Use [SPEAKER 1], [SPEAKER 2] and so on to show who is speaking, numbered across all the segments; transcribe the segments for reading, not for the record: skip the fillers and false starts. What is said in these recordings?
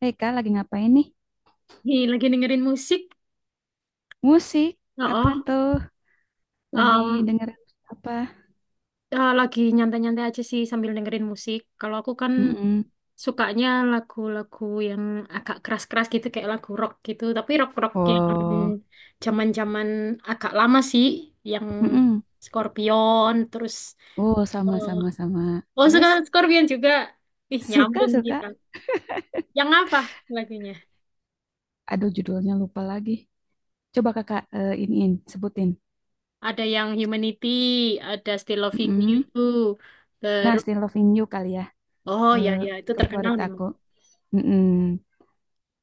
[SPEAKER 1] Hei Kak, lagi ngapain nih?
[SPEAKER 2] Nih, lagi dengerin musik.
[SPEAKER 1] Musik? Apa
[SPEAKER 2] Oh,
[SPEAKER 1] tuh? Lagi
[SPEAKER 2] um,
[SPEAKER 1] dengerin apa?
[SPEAKER 2] lagi nyantai-nyantai aja sih sambil dengerin musik. Kalau aku kan
[SPEAKER 1] Mm-mm.
[SPEAKER 2] sukanya lagu-lagu yang agak keras-keras gitu, kayak lagu rock gitu. Tapi rock-rock yang
[SPEAKER 1] Oh,
[SPEAKER 2] zaman-zaman agak lama sih, yang
[SPEAKER 1] mm-mm.
[SPEAKER 2] Scorpion, terus
[SPEAKER 1] Oh, sama,
[SPEAKER 2] eh,
[SPEAKER 1] sama, sama.
[SPEAKER 2] oh suka
[SPEAKER 1] Terus,
[SPEAKER 2] Scorpion juga. Ih,
[SPEAKER 1] suka,
[SPEAKER 2] nyambung
[SPEAKER 1] suka.
[SPEAKER 2] kita. Yang apa lagunya?
[SPEAKER 1] Aduh, judulnya lupa lagi. Coba kakak iniin, sebutin.
[SPEAKER 2] Ada yang Humanity, ada Still Loving You,
[SPEAKER 1] Mm-mm. Nah,
[SPEAKER 2] terus
[SPEAKER 1] Still Loving You kali ya.
[SPEAKER 2] oh ya
[SPEAKER 1] Eh,
[SPEAKER 2] ya itu
[SPEAKER 1] ke
[SPEAKER 2] terkenal
[SPEAKER 1] favorit
[SPEAKER 2] nih.
[SPEAKER 1] aku. Mm-mm.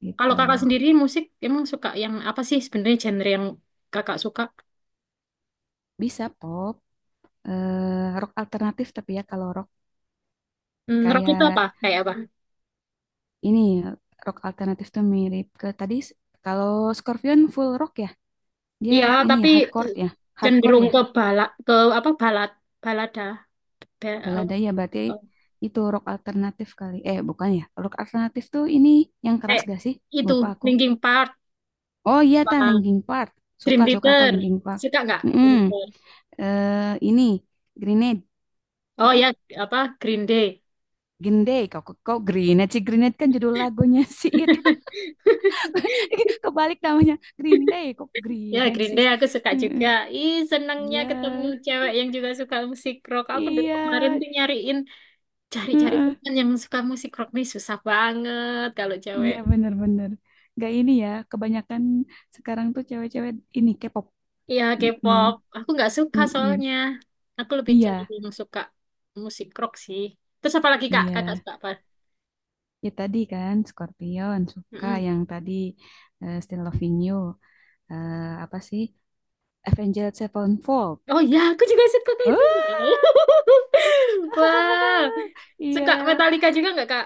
[SPEAKER 1] Gitu.
[SPEAKER 2] Kalau kakak sendiri musik emang suka yang apa sih sebenarnya genre yang kakak suka?
[SPEAKER 1] Bisa pop. Rock alternatif tapi ya kalau rock
[SPEAKER 2] Hmm, ngerok itu
[SPEAKER 1] kayak
[SPEAKER 2] apa? Kayak apa?
[SPEAKER 1] ini. Rock alternatif tuh mirip ke tadi. Kalau Scorpion full rock ya. Dia
[SPEAKER 2] Iya,
[SPEAKER 1] rock ini
[SPEAKER 2] tapi
[SPEAKER 1] ya, hardcore
[SPEAKER 2] eh,
[SPEAKER 1] ya. Hardcore
[SPEAKER 2] cenderung
[SPEAKER 1] ya,
[SPEAKER 2] ke balad ke apa balad balada Ba-
[SPEAKER 1] balada
[SPEAKER 2] apa-
[SPEAKER 1] ya berarti
[SPEAKER 2] apa.
[SPEAKER 1] itu rock alternatif kali. Eh, bukan ya. Rock alternatif tuh ini yang keras
[SPEAKER 2] Kayak
[SPEAKER 1] gak sih?
[SPEAKER 2] itu
[SPEAKER 1] Lupa aku.
[SPEAKER 2] Linkin Park,
[SPEAKER 1] Oh iya, ta
[SPEAKER 2] apa,
[SPEAKER 1] Linkin Park.
[SPEAKER 2] Dream
[SPEAKER 1] Suka, suka aku
[SPEAKER 2] Theater.
[SPEAKER 1] Linkin Park.
[SPEAKER 2] Suka nggak
[SPEAKER 1] Mm-mm.
[SPEAKER 2] Dream Theater?
[SPEAKER 1] Eh, ini Grenade
[SPEAKER 2] Oh
[SPEAKER 1] apa?
[SPEAKER 2] ya, apa Green Day.
[SPEAKER 1] Green Day. Kok kok Grenade sih? Grenade kan judul lagunya sih itu. Kebalik namanya. Green Day kok
[SPEAKER 2] Ya,
[SPEAKER 1] Grenade
[SPEAKER 2] Green
[SPEAKER 1] sih.
[SPEAKER 2] Day aku suka juga.
[SPEAKER 1] Mm-mm.
[SPEAKER 2] Ih, senangnya
[SPEAKER 1] Iya.
[SPEAKER 2] ketemu cewek yang juga suka musik rock. Aku dari kemarin
[SPEAKER 1] Iya.
[SPEAKER 2] tuh nyariin cari-cari
[SPEAKER 1] Heeh.
[SPEAKER 2] teman yang suka musik rock nih susah banget kalau
[SPEAKER 1] Iya
[SPEAKER 2] cewek.
[SPEAKER 1] bener-bener. Gak ini ya, kebanyakan sekarang tuh cewek-cewek ini K-pop.
[SPEAKER 2] Iya,
[SPEAKER 1] Mm-mm,
[SPEAKER 2] K-pop. Aku nggak suka
[SPEAKER 1] mm-mm.
[SPEAKER 2] soalnya. Aku lebih
[SPEAKER 1] Iya,
[SPEAKER 2] cenderung suka musik rock sih. Terus apa lagi Kak? Kakak
[SPEAKER 1] iya.
[SPEAKER 2] suka apa?
[SPEAKER 1] Ya tadi kan Scorpion suka
[SPEAKER 2] Mm-mm.
[SPEAKER 1] yang tadi Still Loving You. Eh, apa sih? Avenged Sevenfold.
[SPEAKER 2] Oh iya, aku juga suka kayak itu. Wow. Suka
[SPEAKER 1] Iya,
[SPEAKER 2] Metallica juga nggak Kak?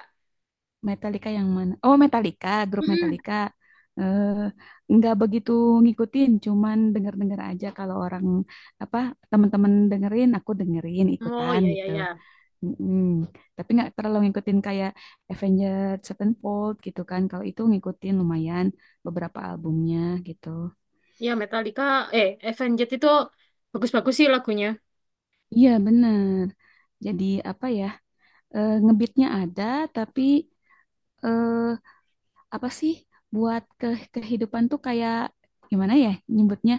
[SPEAKER 1] Metallica yang mana? Oh, Metallica, grup
[SPEAKER 2] Mm-mm.
[SPEAKER 1] Metallica. Eh, nggak begitu ngikutin, cuman denger-denger aja kalau orang apa teman-teman dengerin, aku dengerin
[SPEAKER 2] Oh
[SPEAKER 1] ikutan
[SPEAKER 2] iya, iya,
[SPEAKER 1] gitu.
[SPEAKER 2] iya.
[SPEAKER 1] Mm-mm. Tapi nggak terlalu ngikutin kayak Avenged Sevenfold gitu kan. Kalau itu ngikutin lumayan beberapa albumnya gitu.
[SPEAKER 2] Iya, Metallica. Eh, Avenged itu bagus-bagus sih lagunya.
[SPEAKER 1] Iya bener. Jadi apa ya, ngebeatnya ada tapi eh, apa sih buat ke kehidupan tuh kayak gimana ya nyebutnya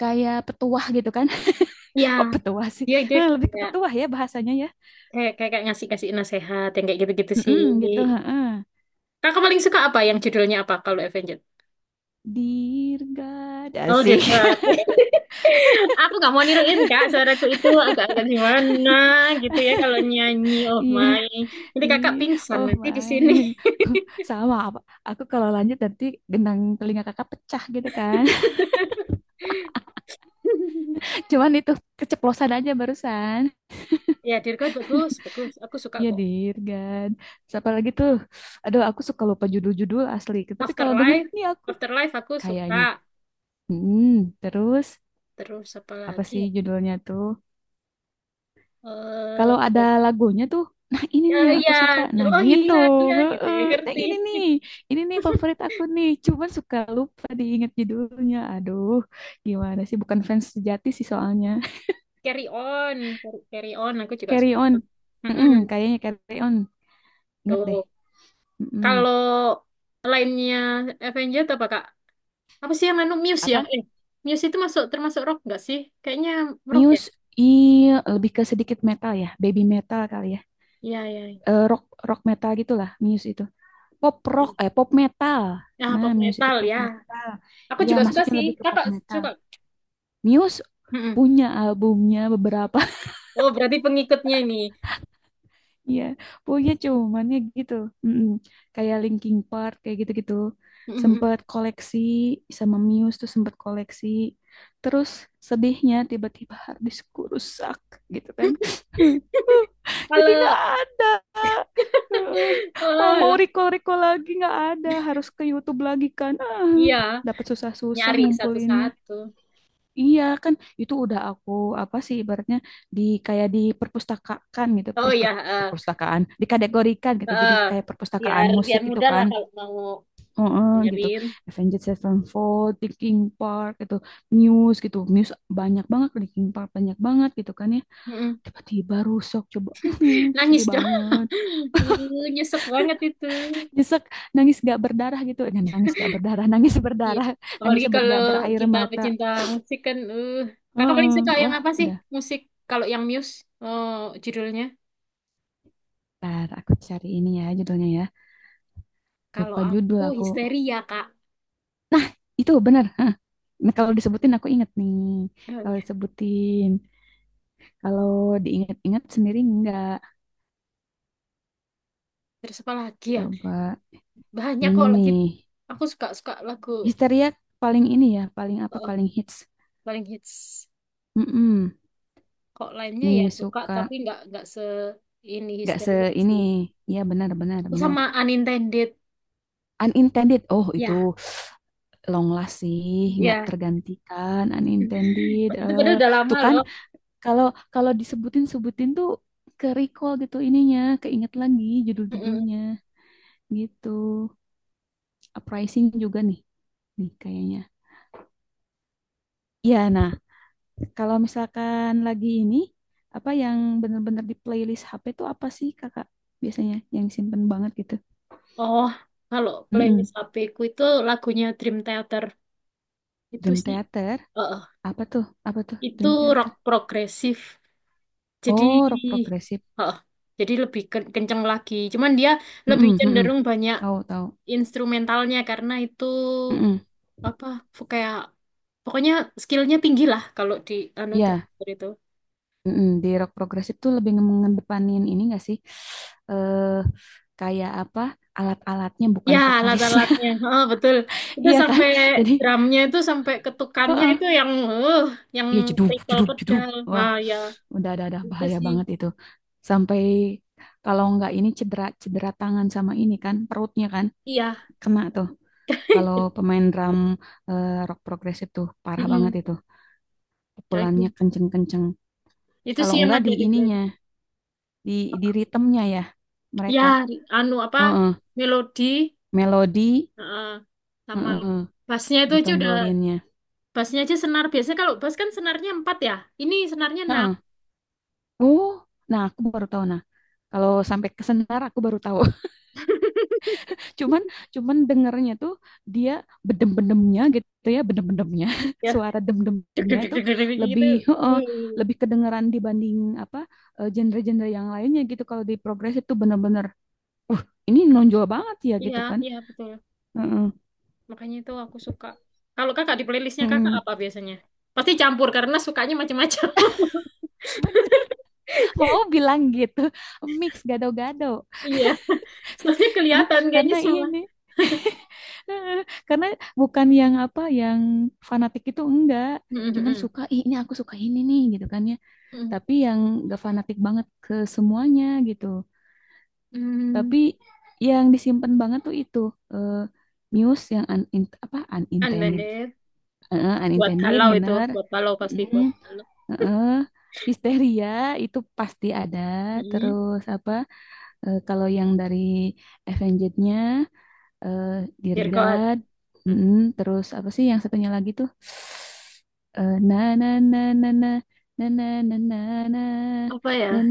[SPEAKER 1] kayak petuah gitu kan.
[SPEAKER 2] Iya,
[SPEAKER 1] Kok petuah sih?
[SPEAKER 2] dia dia
[SPEAKER 1] Eh, lebih ke
[SPEAKER 2] kayak
[SPEAKER 1] petuah ya bahasanya ya.
[SPEAKER 2] kayak ngasih kasih nasehat yang kayak gitu-gitu sih.
[SPEAKER 1] Mm-mm, gitu. Heeh.
[SPEAKER 2] Kakak paling suka apa? Yang judulnya apa kalau Avenged?
[SPEAKER 1] Dear God,
[SPEAKER 2] Oh,
[SPEAKER 1] asik.
[SPEAKER 2] Dirga. Aku gak mau niruin kak, suaraku itu agak-agak gimana gitu ya kalau nyanyi. Oh
[SPEAKER 1] Iya.
[SPEAKER 2] my, ini
[SPEAKER 1] Ih,
[SPEAKER 2] kakak pingsan
[SPEAKER 1] oh
[SPEAKER 2] nanti di
[SPEAKER 1] my.
[SPEAKER 2] sini.
[SPEAKER 1] Sama apa? Aku kalau lanjut nanti gendang telinga kakak pecah gitu kan. Cuman itu keceplosan aja barusan.
[SPEAKER 2] Ya Dirgo bagus, bagus. Aku suka
[SPEAKER 1] Iya,
[SPEAKER 2] kok.
[SPEAKER 1] Dirgan. Siapa lagi tuh? Aduh, aku suka lupa judul-judul asli. Tapi kalau denger
[SPEAKER 2] Afterlife,
[SPEAKER 1] nih aku
[SPEAKER 2] Afterlife aku
[SPEAKER 1] kayaknya.
[SPEAKER 2] suka.
[SPEAKER 1] Hmm, terus
[SPEAKER 2] Terus apa
[SPEAKER 1] apa
[SPEAKER 2] lagi?
[SPEAKER 1] sih
[SPEAKER 2] Ya?
[SPEAKER 1] judulnya tuh?
[SPEAKER 2] Eh,
[SPEAKER 1] Kalau ada lagunya tuh, nah ini
[SPEAKER 2] ya
[SPEAKER 1] nih yang
[SPEAKER 2] iya,
[SPEAKER 1] aku suka. Nah
[SPEAKER 2] oh
[SPEAKER 1] gitu.
[SPEAKER 2] iya iya gitu
[SPEAKER 1] Heeh.
[SPEAKER 2] ya
[SPEAKER 1] Nah
[SPEAKER 2] ngerti.
[SPEAKER 1] ini nih favorit aku nih. Cuman suka lupa diingat judulnya. Aduh, gimana sih? Bukan fans sejati sih soalnya.
[SPEAKER 2] Carry on, carry on. Aku juga
[SPEAKER 1] Carry
[SPEAKER 2] suka.
[SPEAKER 1] on.
[SPEAKER 2] Mm-mm.
[SPEAKER 1] Mm-mm, kayaknya carry on. Ingat deh.
[SPEAKER 2] Tuh,
[SPEAKER 1] Mm-mm.
[SPEAKER 2] kalau lainnya Avenger apa kak? Apa sih yang anu Muse ya?
[SPEAKER 1] Apa?
[SPEAKER 2] Eh, Muse itu masuk termasuk rock nggak sih? Kayaknya rock ya.
[SPEAKER 1] Muse. Iya, lebih ke sedikit metal ya. Baby metal kali ya.
[SPEAKER 2] Iya, iya.
[SPEAKER 1] Eh, rock rock metal gitulah Muse itu. Pop rock, eh pop metal.
[SPEAKER 2] Ya
[SPEAKER 1] Nah,
[SPEAKER 2] pop
[SPEAKER 1] Muse itu
[SPEAKER 2] metal
[SPEAKER 1] pop
[SPEAKER 2] ya.
[SPEAKER 1] metal.
[SPEAKER 2] Aku
[SPEAKER 1] Iya,
[SPEAKER 2] juga suka
[SPEAKER 1] masuknya
[SPEAKER 2] sih.
[SPEAKER 1] lebih ke pop
[SPEAKER 2] Kakak
[SPEAKER 1] metal.
[SPEAKER 2] suka.
[SPEAKER 1] Muse
[SPEAKER 2] Mm-mm.
[SPEAKER 1] punya albumnya beberapa
[SPEAKER 2] Oh, berarti pengikutnya ini.
[SPEAKER 1] ya punya cuman ya gitu. Mm-mm. Kayak Linkin Park kayak gitu-gitu
[SPEAKER 2] Mm-mm.
[SPEAKER 1] sempet koleksi sama Muse tuh sempet koleksi terus sedihnya tiba-tiba harddiskku rusak gitu kan. Jadi
[SPEAKER 2] Kalau,
[SPEAKER 1] nggak ada. Heeh. Mau
[SPEAKER 2] oh,
[SPEAKER 1] mau
[SPEAKER 2] lah.
[SPEAKER 1] recall recall lagi nggak ada harus ke YouTube lagi kan ah,
[SPEAKER 2] Iya,
[SPEAKER 1] dapat susah-susah
[SPEAKER 2] nyari
[SPEAKER 1] ngumpulinnya.
[SPEAKER 2] satu-satu.
[SPEAKER 1] Iya kan itu udah aku apa sih ibaratnya di kayak di perpustakaan gitu
[SPEAKER 2] Oh ya,
[SPEAKER 1] perstuk- perpustakaan dikategorikan gitu jadi
[SPEAKER 2] eh,
[SPEAKER 1] kayak perpustakaan
[SPEAKER 2] biar biar
[SPEAKER 1] musik gitu
[SPEAKER 2] mudah lah
[SPEAKER 1] kan.
[SPEAKER 2] kalau mau
[SPEAKER 1] Heeh, gitu.
[SPEAKER 2] dengerin.
[SPEAKER 1] Avenged Sevenfold Linkin Park gitu Muse banyak banget Linkin Park banyak banget gitu kan ya
[SPEAKER 2] Mm-mm.
[SPEAKER 1] tiba-tiba rusak coba. Sedih
[SPEAKER 2] Nangis dong.
[SPEAKER 1] banget,
[SPEAKER 2] Nyesek banget itu.
[SPEAKER 1] nyesek, nangis gak berdarah gitu. Eh, nangis gak berdarah. Nangis
[SPEAKER 2] Iya.
[SPEAKER 1] berdarah nangis
[SPEAKER 2] Apalagi
[SPEAKER 1] ber-
[SPEAKER 2] kalau
[SPEAKER 1] gak berair
[SPEAKER 2] kita
[SPEAKER 1] mata.
[SPEAKER 2] pecinta musik kan, eh kakak paling
[SPEAKER 1] Heeh,
[SPEAKER 2] suka yang
[SPEAKER 1] wah
[SPEAKER 2] apa sih
[SPEAKER 1] udah.
[SPEAKER 2] musik? Kalau yang Muse, eh judulnya.
[SPEAKER 1] Ntar aku cari ini ya judulnya ya.
[SPEAKER 2] Kalau
[SPEAKER 1] Lupa judul
[SPEAKER 2] aku
[SPEAKER 1] aku.
[SPEAKER 2] Histeria, Kak.
[SPEAKER 1] Nah, itu benar. Hah. Nah, kalau disebutin aku inget nih.
[SPEAKER 2] Oh
[SPEAKER 1] Kalau
[SPEAKER 2] iya.
[SPEAKER 1] disebutin, kalau diingat-ingat sendiri enggak.
[SPEAKER 2] Terus apa lagi ya?
[SPEAKER 1] Coba
[SPEAKER 2] Banyak
[SPEAKER 1] ini
[SPEAKER 2] kok lagi.
[SPEAKER 1] nih.
[SPEAKER 2] Aku suka suka lagu
[SPEAKER 1] Histeria paling ini ya, paling apa,
[SPEAKER 2] eh,
[SPEAKER 1] paling hits.
[SPEAKER 2] paling hits.
[SPEAKER 1] Mm-mm.
[SPEAKER 2] Kok lainnya
[SPEAKER 1] Nih
[SPEAKER 2] ya suka,
[SPEAKER 1] suka
[SPEAKER 2] tapi nggak se ini
[SPEAKER 1] nggak se
[SPEAKER 2] Histeria
[SPEAKER 1] ini.
[SPEAKER 2] sih.
[SPEAKER 1] Ya benar, benar,
[SPEAKER 2] Oh,
[SPEAKER 1] benar.
[SPEAKER 2] sama Unintended.
[SPEAKER 1] Unintended. Oh,
[SPEAKER 2] Ya,
[SPEAKER 1] itu long last sih, nggak
[SPEAKER 2] ya.
[SPEAKER 1] tergantikan. Unintended.
[SPEAKER 2] Itu
[SPEAKER 1] Eh,
[SPEAKER 2] padahal udah lama
[SPEAKER 1] tuh kan.
[SPEAKER 2] loh.
[SPEAKER 1] Kalau kalau disebutin tuh ke recall gitu ininya, keinget lagi judul-judulnya
[SPEAKER 2] Mm-mm.
[SPEAKER 1] gitu. Uprising juga nih, nih kayaknya. Iya, nah kalau misalkan lagi ini apa yang bener-bener di playlist HP tuh apa sih kakak biasanya yang simpen banget gitu?
[SPEAKER 2] Oh, kalau
[SPEAKER 1] Mm-mm.
[SPEAKER 2] playlist HP ku itu lagunya Dream Theater. Itu
[SPEAKER 1] Dream
[SPEAKER 2] sih,
[SPEAKER 1] Theater,
[SPEAKER 2] eh,
[SPEAKER 1] apa tuh? Apa tuh
[SPEAKER 2] itu
[SPEAKER 1] Dream
[SPEAKER 2] rock
[SPEAKER 1] Theater?
[SPEAKER 2] progresif. Jadi,
[SPEAKER 1] Oh, rock progresif.
[SPEAKER 2] eh, jadi lebih ken- kenceng lagi. Cuman dia lebih
[SPEAKER 1] Mm-mm, mm-mm.
[SPEAKER 2] cenderung banyak
[SPEAKER 1] Tahu tahu.
[SPEAKER 2] instrumentalnya karena itu
[SPEAKER 1] Mm-mm.
[SPEAKER 2] apa kayak pokoknya skillnya tinggi lah kalau di anu
[SPEAKER 1] Iya.
[SPEAKER 2] driver itu.
[SPEAKER 1] Mm-mm, di rock progresif tuh lebih mengedepanin ini gak sih? Eh, kayak apa? Alat-alatnya
[SPEAKER 2] Ya,
[SPEAKER 1] bukan vokalisnya.
[SPEAKER 2] alat-alatnya, oh, betul. Itu
[SPEAKER 1] Iya kan?
[SPEAKER 2] sampai
[SPEAKER 1] Jadi,
[SPEAKER 2] drumnya itu sampai ketukannya itu
[SPEAKER 1] heeh,
[SPEAKER 2] yang, eh, yang
[SPEAKER 1] ya jeduk
[SPEAKER 2] pedal
[SPEAKER 1] jeduk jeduk.
[SPEAKER 2] pedal.
[SPEAKER 1] Wah,
[SPEAKER 2] Ah ya
[SPEAKER 1] udah ada
[SPEAKER 2] itu
[SPEAKER 1] bahaya
[SPEAKER 2] sih.
[SPEAKER 1] banget itu. Sampai kalau nggak ini cedera cedera tangan sama ini kan, perutnya kan
[SPEAKER 2] Iya.
[SPEAKER 1] kena tuh. Kalau pemain drum rock progresif tuh parah banget
[SPEAKER 2] Mm-mm.
[SPEAKER 1] itu.
[SPEAKER 2] Kayak Itu
[SPEAKER 1] Pukulannya kenceng-kenceng.
[SPEAKER 2] Itu
[SPEAKER 1] Kalau
[SPEAKER 2] sih yang
[SPEAKER 1] enggak
[SPEAKER 2] ada
[SPEAKER 1] di
[SPEAKER 2] di
[SPEAKER 1] ininya,
[SPEAKER 2] playlist.
[SPEAKER 1] di di ritmenya ya
[SPEAKER 2] Ya
[SPEAKER 1] mereka.
[SPEAKER 2] anu apa
[SPEAKER 1] Heeh
[SPEAKER 2] melodi
[SPEAKER 1] melodi.
[SPEAKER 2] eh, sama
[SPEAKER 1] Heeh,
[SPEAKER 2] bassnya itu aja udah
[SPEAKER 1] ditonjolinnya.
[SPEAKER 2] bassnya aja senar biasanya kalau bass kan senarnya 4 ya ini senarnya 6
[SPEAKER 1] Heeh. Oh, nah aku baru tahu nah. Kalau sampai ke senar aku baru tahu. Cuman cuman dengernya tuh dia bedem-bedemnya gitu ya, bedem-bedemnya.
[SPEAKER 2] ya
[SPEAKER 1] Suara
[SPEAKER 2] deg
[SPEAKER 1] dem-demnya
[SPEAKER 2] deg deg
[SPEAKER 1] itu
[SPEAKER 2] deg deg deg
[SPEAKER 1] lebih
[SPEAKER 2] gitu.
[SPEAKER 1] heeh,
[SPEAKER 2] Hmm.
[SPEAKER 1] lebih kedengeran dibanding apa genre-genre yang lainnya gitu. Kalau di progres itu bener-bener uh ini nonjol banget ya
[SPEAKER 2] Iya
[SPEAKER 1] gitu kan.
[SPEAKER 2] iya betul
[SPEAKER 1] Heeh.
[SPEAKER 2] makanya itu aku suka kalau kakak di playlistnya kakak
[SPEAKER 1] Heeh.
[SPEAKER 2] apa biasanya pasti campur karena sukanya macam-macam.
[SPEAKER 1] Bener, mau bilang gitu. Mix gado-gado.
[SPEAKER 2] Iya soalnya kelihatan kayaknya
[SPEAKER 1] Karena
[SPEAKER 2] semua
[SPEAKER 1] ini karena bukan yang apa yang fanatik itu enggak
[SPEAKER 2] hmm
[SPEAKER 1] cuman
[SPEAKER 2] hmm
[SPEAKER 1] suka "Ih, ini aku suka ini nih gitu kan ya
[SPEAKER 2] hmm.
[SPEAKER 1] tapi yang gak fanatik banget ke semuanya gitu
[SPEAKER 2] Mm, mm.
[SPEAKER 1] tapi yang disimpan banget tuh itu eh, news yang un, in- apa
[SPEAKER 2] And then
[SPEAKER 1] unintended.
[SPEAKER 2] there. Buat
[SPEAKER 1] Unintended
[SPEAKER 2] galau itu
[SPEAKER 1] bener.
[SPEAKER 2] buat galau pasti
[SPEAKER 1] Mm,
[SPEAKER 2] buat galau
[SPEAKER 1] eh, histeria itu pasti ada
[SPEAKER 2] mm.
[SPEAKER 1] terus apa kalau yang dari Avenged-nya.
[SPEAKER 2] Dear God. Apa ya?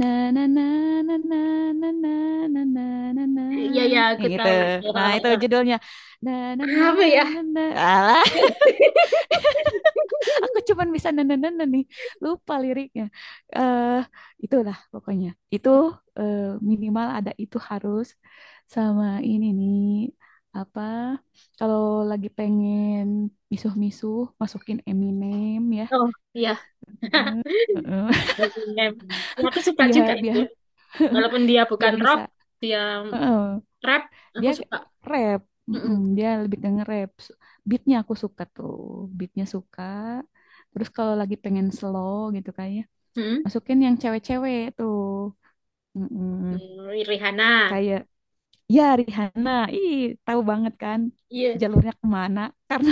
[SPEAKER 2] Iya ya aku tahu. Apa ya?
[SPEAKER 1] Aku cuman bisa nenenenen nih, lupa liriknya. eh Itulah pokoknya. Itu eh, minimal ada itu harus sama ini nih apa kalau lagi pengen misuh-misuh masukin Eminem ya.
[SPEAKER 2] Oh iya.
[SPEAKER 1] Hmm. Heeh.
[SPEAKER 2] Eminem. Ya, aku suka
[SPEAKER 1] Iya,
[SPEAKER 2] juga itu.
[SPEAKER 1] biar
[SPEAKER 2] Walaupun dia bukan
[SPEAKER 1] biar
[SPEAKER 2] rock,
[SPEAKER 1] bisa.
[SPEAKER 2] dia
[SPEAKER 1] Heeh.
[SPEAKER 2] rap,
[SPEAKER 1] Dia
[SPEAKER 2] aku suka.
[SPEAKER 1] rap,
[SPEAKER 2] Mm-mm.
[SPEAKER 1] mm-mm, dia lebih ke nge-rap. Beatnya aku suka tuh, beatnya suka. Terus kalau lagi pengen slow gitu kan ya,
[SPEAKER 2] Mm-mm.
[SPEAKER 1] masukin yang cewek-cewek tuh. Mm-mm.
[SPEAKER 2] Hmm, Rihanna.
[SPEAKER 1] Kayak ya Rihanna ih tahu banget kan
[SPEAKER 2] Iya,
[SPEAKER 1] jalurnya kemana karena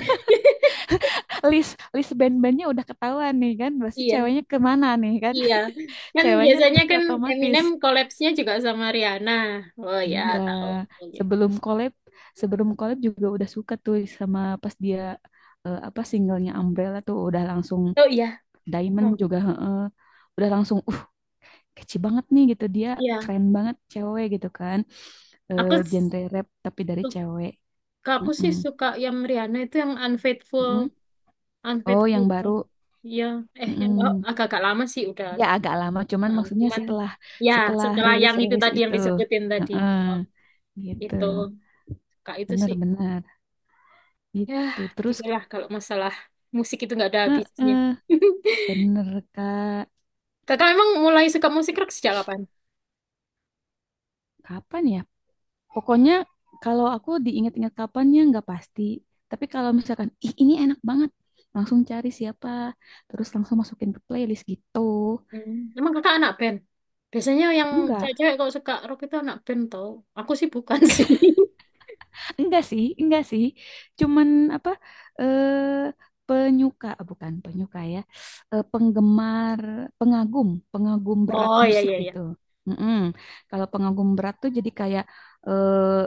[SPEAKER 1] list list band-bandnya udah ketahuan nih kan pasti
[SPEAKER 2] iya,
[SPEAKER 1] ceweknya kemana nih kan.
[SPEAKER 2] iya. Kan
[SPEAKER 1] Ceweknya
[SPEAKER 2] biasanya
[SPEAKER 1] pasti
[SPEAKER 2] kan
[SPEAKER 1] otomatis
[SPEAKER 2] Eminem collabsnya juga sama Rihanna. Oh ya,
[SPEAKER 1] iya
[SPEAKER 2] tahu. Oh
[SPEAKER 1] sebelum collab sebelum collab juga udah suka tuh sama pas dia apa singlenya Umbrella tuh udah langsung
[SPEAKER 2] iya.
[SPEAKER 1] Diamond
[SPEAKER 2] Oh
[SPEAKER 1] juga heeh. Udah langsung kece banget nih gitu dia
[SPEAKER 2] iya.
[SPEAKER 1] keren banget cewek gitu kan
[SPEAKER 2] Aku
[SPEAKER 1] genre rap tapi dari
[SPEAKER 2] suka,
[SPEAKER 1] cewek.
[SPEAKER 2] aku sih
[SPEAKER 1] Mm-mm.
[SPEAKER 2] suka yang Rihanna itu yang Unfaithful.
[SPEAKER 1] Mm-mm.
[SPEAKER 2] Anggrek
[SPEAKER 1] Oh yang
[SPEAKER 2] Purba.
[SPEAKER 1] baru.
[SPEAKER 2] Iya, eh yang
[SPEAKER 1] Mm-mm.
[SPEAKER 2] agak-agak lama sih udah.
[SPEAKER 1] Ya agak lama cuman
[SPEAKER 2] Nah,
[SPEAKER 1] maksudnya
[SPEAKER 2] cuman
[SPEAKER 1] setelah
[SPEAKER 2] ya
[SPEAKER 1] setelah
[SPEAKER 2] setelah
[SPEAKER 1] rilis
[SPEAKER 2] yang itu
[SPEAKER 1] rilis
[SPEAKER 2] tadi yang
[SPEAKER 1] itu.
[SPEAKER 2] disebutin tadi
[SPEAKER 1] Heeh,
[SPEAKER 2] oh,
[SPEAKER 1] gitu
[SPEAKER 2] itu kak itu
[SPEAKER 1] bener
[SPEAKER 2] sih.
[SPEAKER 1] bener
[SPEAKER 2] Ya,
[SPEAKER 1] itu terus
[SPEAKER 2] gitulah kalau masalah musik itu nggak ada
[SPEAKER 1] eh,
[SPEAKER 2] habisnya.
[SPEAKER 1] eh, bener kak
[SPEAKER 2] Kakak emang mulai suka musik rock sejak kapan?
[SPEAKER 1] kapan ya. Pokoknya kalau aku diingat-ingat kapannya nggak pasti. Tapi kalau misalkan, ih ini enak banget, langsung cari siapa, terus langsung masukin ke playlist gitu.
[SPEAKER 2] Hmm, emang kakak anak band? Biasanya yang
[SPEAKER 1] Enggak,
[SPEAKER 2] cewek-cewek kalau suka rock itu anak band tau. Aku sih bukan sih.
[SPEAKER 1] enggak sih, enggak sih. Cuman apa, eh, penyuka, ah, bukan penyuka ya, penggemar, pengagum, pengagum berat
[SPEAKER 2] Oh iya
[SPEAKER 1] musik
[SPEAKER 2] iya iya.
[SPEAKER 1] gitu. Mm-mm. Kalau pengagum berat tuh jadi kayak eh,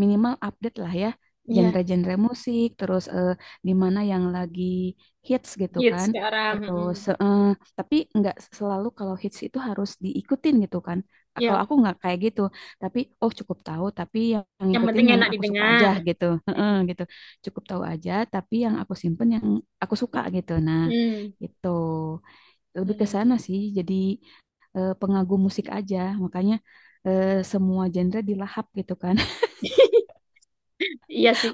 [SPEAKER 1] minimal update lah ya
[SPEAKER 2] Iya,
[SPEAKER 1] genre-genre musik terus di mana yang lagi hits gitu
[SPEAKER 2] hits
[SPEAKER 1] kan
[SPEAKER 2] sekarang.
[SPEAKER 1] terus
[SPEAKER 2] Mm.
[SPEAKER 1] tapi nggak selalu kalau hits itu harus diikutin gitu kan kalau
[SPEAKER 2] Iya,
[SPEAKER 1] aku nggak kayak gitu tapi oh cukup tahu tapi yang
[SPEAKER 2] yang
[SPEAKER 1] ngikutin
[SPEAKER 2] penting
[SPEAKER 1] yang
[SPEAKER 2] enak
[SPEAKER 1] aku suka aja
[SPEAKER 2] didengar.
[SPEAKER 1] gitu. Heeh,
[SPEAKER 2] Mm.
[SPEAKER 1] gitu cukup tahu aja tapi yang aku simpen yang aku suka gitu nah
[SPEAKER 2] Hmm.
[SPEAKER 1] gitu lebih ke
[SPEAKER 2] Hmm.
[SPEAKER 1] sana sih jadi pengagum musik aja makanya semua genre dilahap gitu kan.
[SPEAKER 2] Iya sih.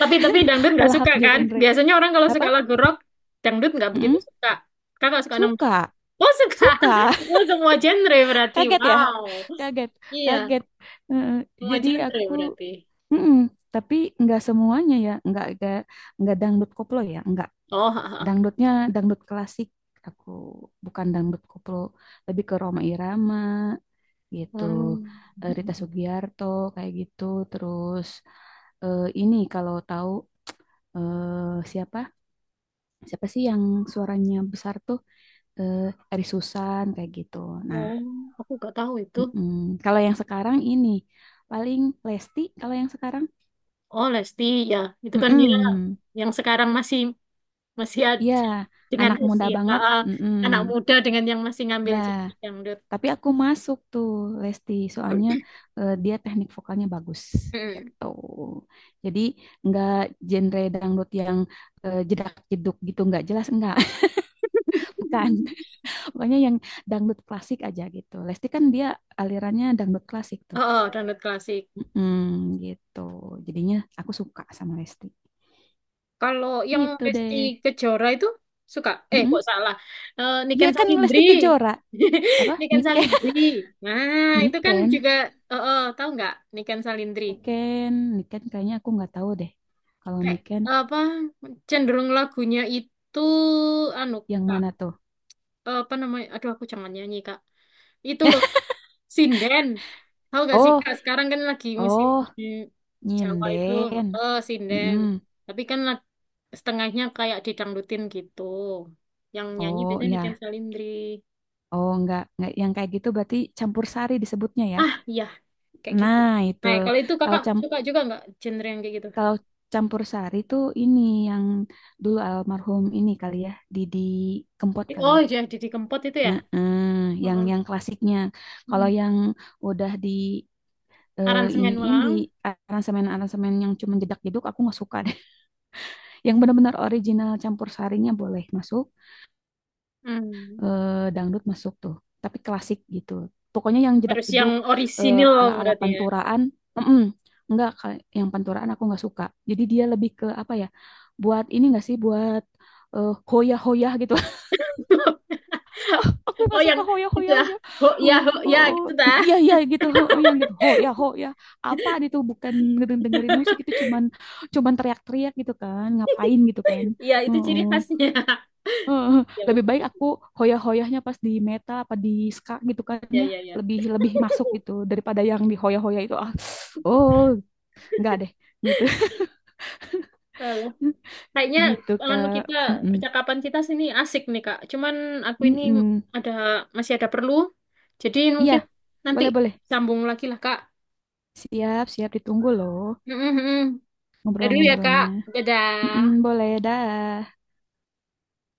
[SPEAKER 2] Tapi dangdut nggak
[SPEAKER 1] Pelahap
[SPEAKER 2] suka kan?
[SPEAKER 1] genre.
[SPEAKER 2] Biasanya orang kalau
[SPEAKER 1] Apa?
[SPEAKER 2] suka lagu rock, dangdut nggak begitu
[SPEAKER 1] Mm-mm.
[SPEAKER 2] suka. Kakak suka dong?
[SPEAKER 1] Suka,
[SPEAKER 2] Oh suka.
[SPEAKER 1] suka,
[SPEAKER 2] Oh semua genre berarti.
[SPEAKER 1] kaget ya,
[SPEAKER 2] Wow.
[SPEAKER 1] kaget,
[SPEAKER 2] Iya,
[SPEAKER 1] kaget. Heeh,
[SPEAKER 2] semua
[SPEAKER 1] jadi
[SPEAKER 2] genre
[SPEAKER 1] aku,
[SPEAKER 2] berarti.
[SPEAKER 1] mm-mm. Tapi nggak semuanya ya, nggak nggak dangdut koplo ya, nggak
[SPEAKER 2] Oh. Ha, ha.
[SPEAKER 1] dangdutnya dangdut klasik. Aku bukan dangdut koplo, lebih ke Rhoma Irama gitu,
[SPEAKER 2] Hmm.
[SPEAKER 1] eh, Rita Sugiarto kayak gitu. Terus ini kalau tahu siapa siapa sih yang suaranya besar tuh? eh Eri Susan kayak gitu. Nah,
[SPEAKER 2] Oh, aku nggak tahu itu.
[SPEAKER 1] mm-mm. Kalau yang sekarang ini paling Lesti kalau yang sekarang,
[SPEAKER 2] Oh Lesti ya, itu kan dia
[SPEAKER 1] mm.
[SPEAKER 2] yang sekarang masih masih
[SPEAKER 1] Iya,
[SPEAKER 2] ada dengan
[SPEAKER 1] anak muda
[SPEAKER 2] usia
[SPEAKER 1] banget,
[SPEAKER 2] ah,
[SPEAKER 1] mm.
[SPEAKER 2] anak muda dengan yang masih ngambil
[SPEAKER 1] Ya,
[SPEAKER 2] genre dangdut.
[SPEAKER 1] tapi aku masuk tuh Lesti soalnya dia teknik vokalnya bagus
[SPEAKER 2] Hmm.
[SPEAKER 1] gitu. Jadi nggak genre dangdut yang jedak-jeduk gitu, nggak jelas nggak. Bukan. Pokoknya yang dangdut klasik aja gitu. Lesti kan dia alirannya dangdut klasik.
[SPEAKER 2] Oh, oh, dangdut klasik.
[SPEAKER 1] Mm, gitu. Jadinya aku suka sama Lesti.
[SPEAKER 2] Kalau yang
[SPEAKER 1] Gitu
[SPEAKER 2] Resti
[SPEAKER 1] deh.
[SPEAKER 2] Kejora itu suka, eh kok
[SPEAKER 1] Mm-mm.
[SPEAKER 2] salah, eh,
[SPEAKER 1] Ya
[SPEAKER 2] Niken
[SPEAKER 1] kan
[SPEAKER 2] Salindri,
[SPEAKER 1] Lesti Kejora. Apa?
[SPEAKER 2] Niken
[SPEAKER 1] Niken.
[SPEAKER 2] Salindri. Nah itu kan
[SPEAKER 1] Niken.
[SPEAKER 2] juga, tahu nggak Niken Salindri?
[SPEAKER 1] Niken. Niken kayaknya aku nggak tahu deh. Kalau
[SPEAKER 2] Kayak
[SPEAKER 1] Niken
[SPEAKER 2] apa? Cenderung lagunya itu, anu
[SPEAKER 1] yang
[SPEAKER 2] kak,
[SPEAKER 1] mana tuh?
[SPEAKER 2] apa namanya? Aduh aku jangan nyanyi kak. Itu loh Sinden. Tahu gak sih
[SPEAKER 1] Oh,
[SPEAKER 2] Kak, sekarang kan lagi musim
[SPEAKER 1] oh,
[SPEAKER 2] Jawa itu
[SPEAKER 1] nyinden.
[SPEAKER 2] eh sinden.
[SPEAKER 1] Mm-mm.
[SPEAKER 2] Tapi kan la- setengahnya kayak didangdutin gitu. Yang nyanyi
[SPEAKER 1] Oh,
[SPEAKER 2] biasanya Niken
[SPEAKER 1] ya.
[SPEAKER 2] Salindri.
[SPEAKER 1] Oh, nggak yang kayak gitu berarti campur sari disebutnya ya.
[SPEAKER 2] Ah, iya, kayak gitu.
[SPEAKER 1] Nah, itu.
[SPEAKER 2] Nah, kalau itu
[SPEAKER 1] Kalau
[SPEAKER 2] Kakak
[SPEAKER 1] cam
[SPEAKER 2] suka juga nggak genre yang kayak gitu?
[SPEAKER 1] kalau campur sari tuh ini yang dulu almarhum ini kali ya, Didi Kempot kali
[SPEAKER 2] Oh,
[SPEAKER 1] ya.
[SPEAKER 2] jadi Didi Kempot itu ya.
[SPEAKER 1] Heeh,
[SPEAKER 2] Heeh.
[SPEAKER 1] yang klasiknya. Kalau
[SPEAKER 2] Mm.
[SPEAKER 1] yang udah di
[SPEAKER 2] Aransemen
[SPEAKER 1] iniin di
[SPEAKER 2] ulang.
[SPEAKER 1] aransemen-aransemen yang cuma jedak-jeduk aku nggak suka deh. Yang benar-benar original campur sarinya boleh masuk,
[SPEAKER 2] Hmm.
[SPEAKER 1] dangdut masuk tuh. Tapi klasik gitu. Pokoknya yang
[SPEAKER 2] Harus yang
[SPEAKER 1] jedak-jeduk eh,
[SPEAKER 2] orisinil
[SPEAKER 1] ala-ala
[SPEAKER 2] berarti ya.
[SPEAKER 1] panturaan, mm enggak yang panturaan aku nggak suka. Jadi dia lebih ke apa ya? Buat ini nggak sih buat hoyah-hoyah gitu aku
[SPEAKER 2] Oh,
[SPEAKER 1] nggak
[SPEAKER 2] yang
[SPEAKER 1] suka
[SPEAKER 2] itu
[SPEAKER 1] Hoya-Hoya
[SPEAKER 2] ah.
[SPEAKER 1] aja
[SPEAKER 2] Ho ya,
[SPEAKER 1] oh,
[SPEAKER 2] ho ya
[SPEAKER 1] oh, oh,
[SPEAKER 2] gitu dah.
[SPEAKER 1] iya iya gitu oh, oh, yang gitu Hoya Hoya apa itu bukan dengerin musik itu cuman cuman teriak-teriak gitu kan ngapain gitu kan
[SPEAKER 2] Iya, itu
[SPEAKER 1] oh,
[SPEAKER 2] ciri
[SPEAKER 1] oh.
[SPEAKER 2] khasnya.
[SPEAKER 1] Eh,
[SPEAKER 2] Ya
[SPEAKER 1] lebih baik
[SPEAKER 2] betul.
[SPEAKER 1] aku Hoya-Hoyahnya pas di Meta apa di Ska gitu kan
[SPEAKER 2] Ya
[SPEAKER 1] ya
[SPEAKER 2] ya ya.
[SPEAKER 1] lebih lebih masuk gitu daripada yang di Hoya-Hoya itu ah oh nggak deh gitu.
[SPEAKER 2] Halo. Kayaknya
[SPEAKER 1] Gitu
[SPEAKER 2] anu
[SPEAKER 1] Kak.
[SPEAKER 2] kita
[SPEAKER 1] Mm-mm.
[SPEAKER 2] percakapan kita sini asik nih Kak. Cuman aku ini
[SPEAKER 1] Mm-mm.
[SPEAKER 2] ada masih ada perlu. Jadi
[SPEAKER 1] Iya
[SPEAKER 2] mungkin nanti
[SPEAKER 1] boleh boleh
[SPEAKER 2] sambung lagi lah Kak.
[SPEAKER 1] siap siap ditunggu loh
[SPEAKER 2] Mm-mm-mm. Dadah dulu ya Kak.
[SPEAKER 1] ngobrol-ngobrolnya. Mm,
[SPEAKER 2] Dadah.
[SPEAKER 1] boleh, dah.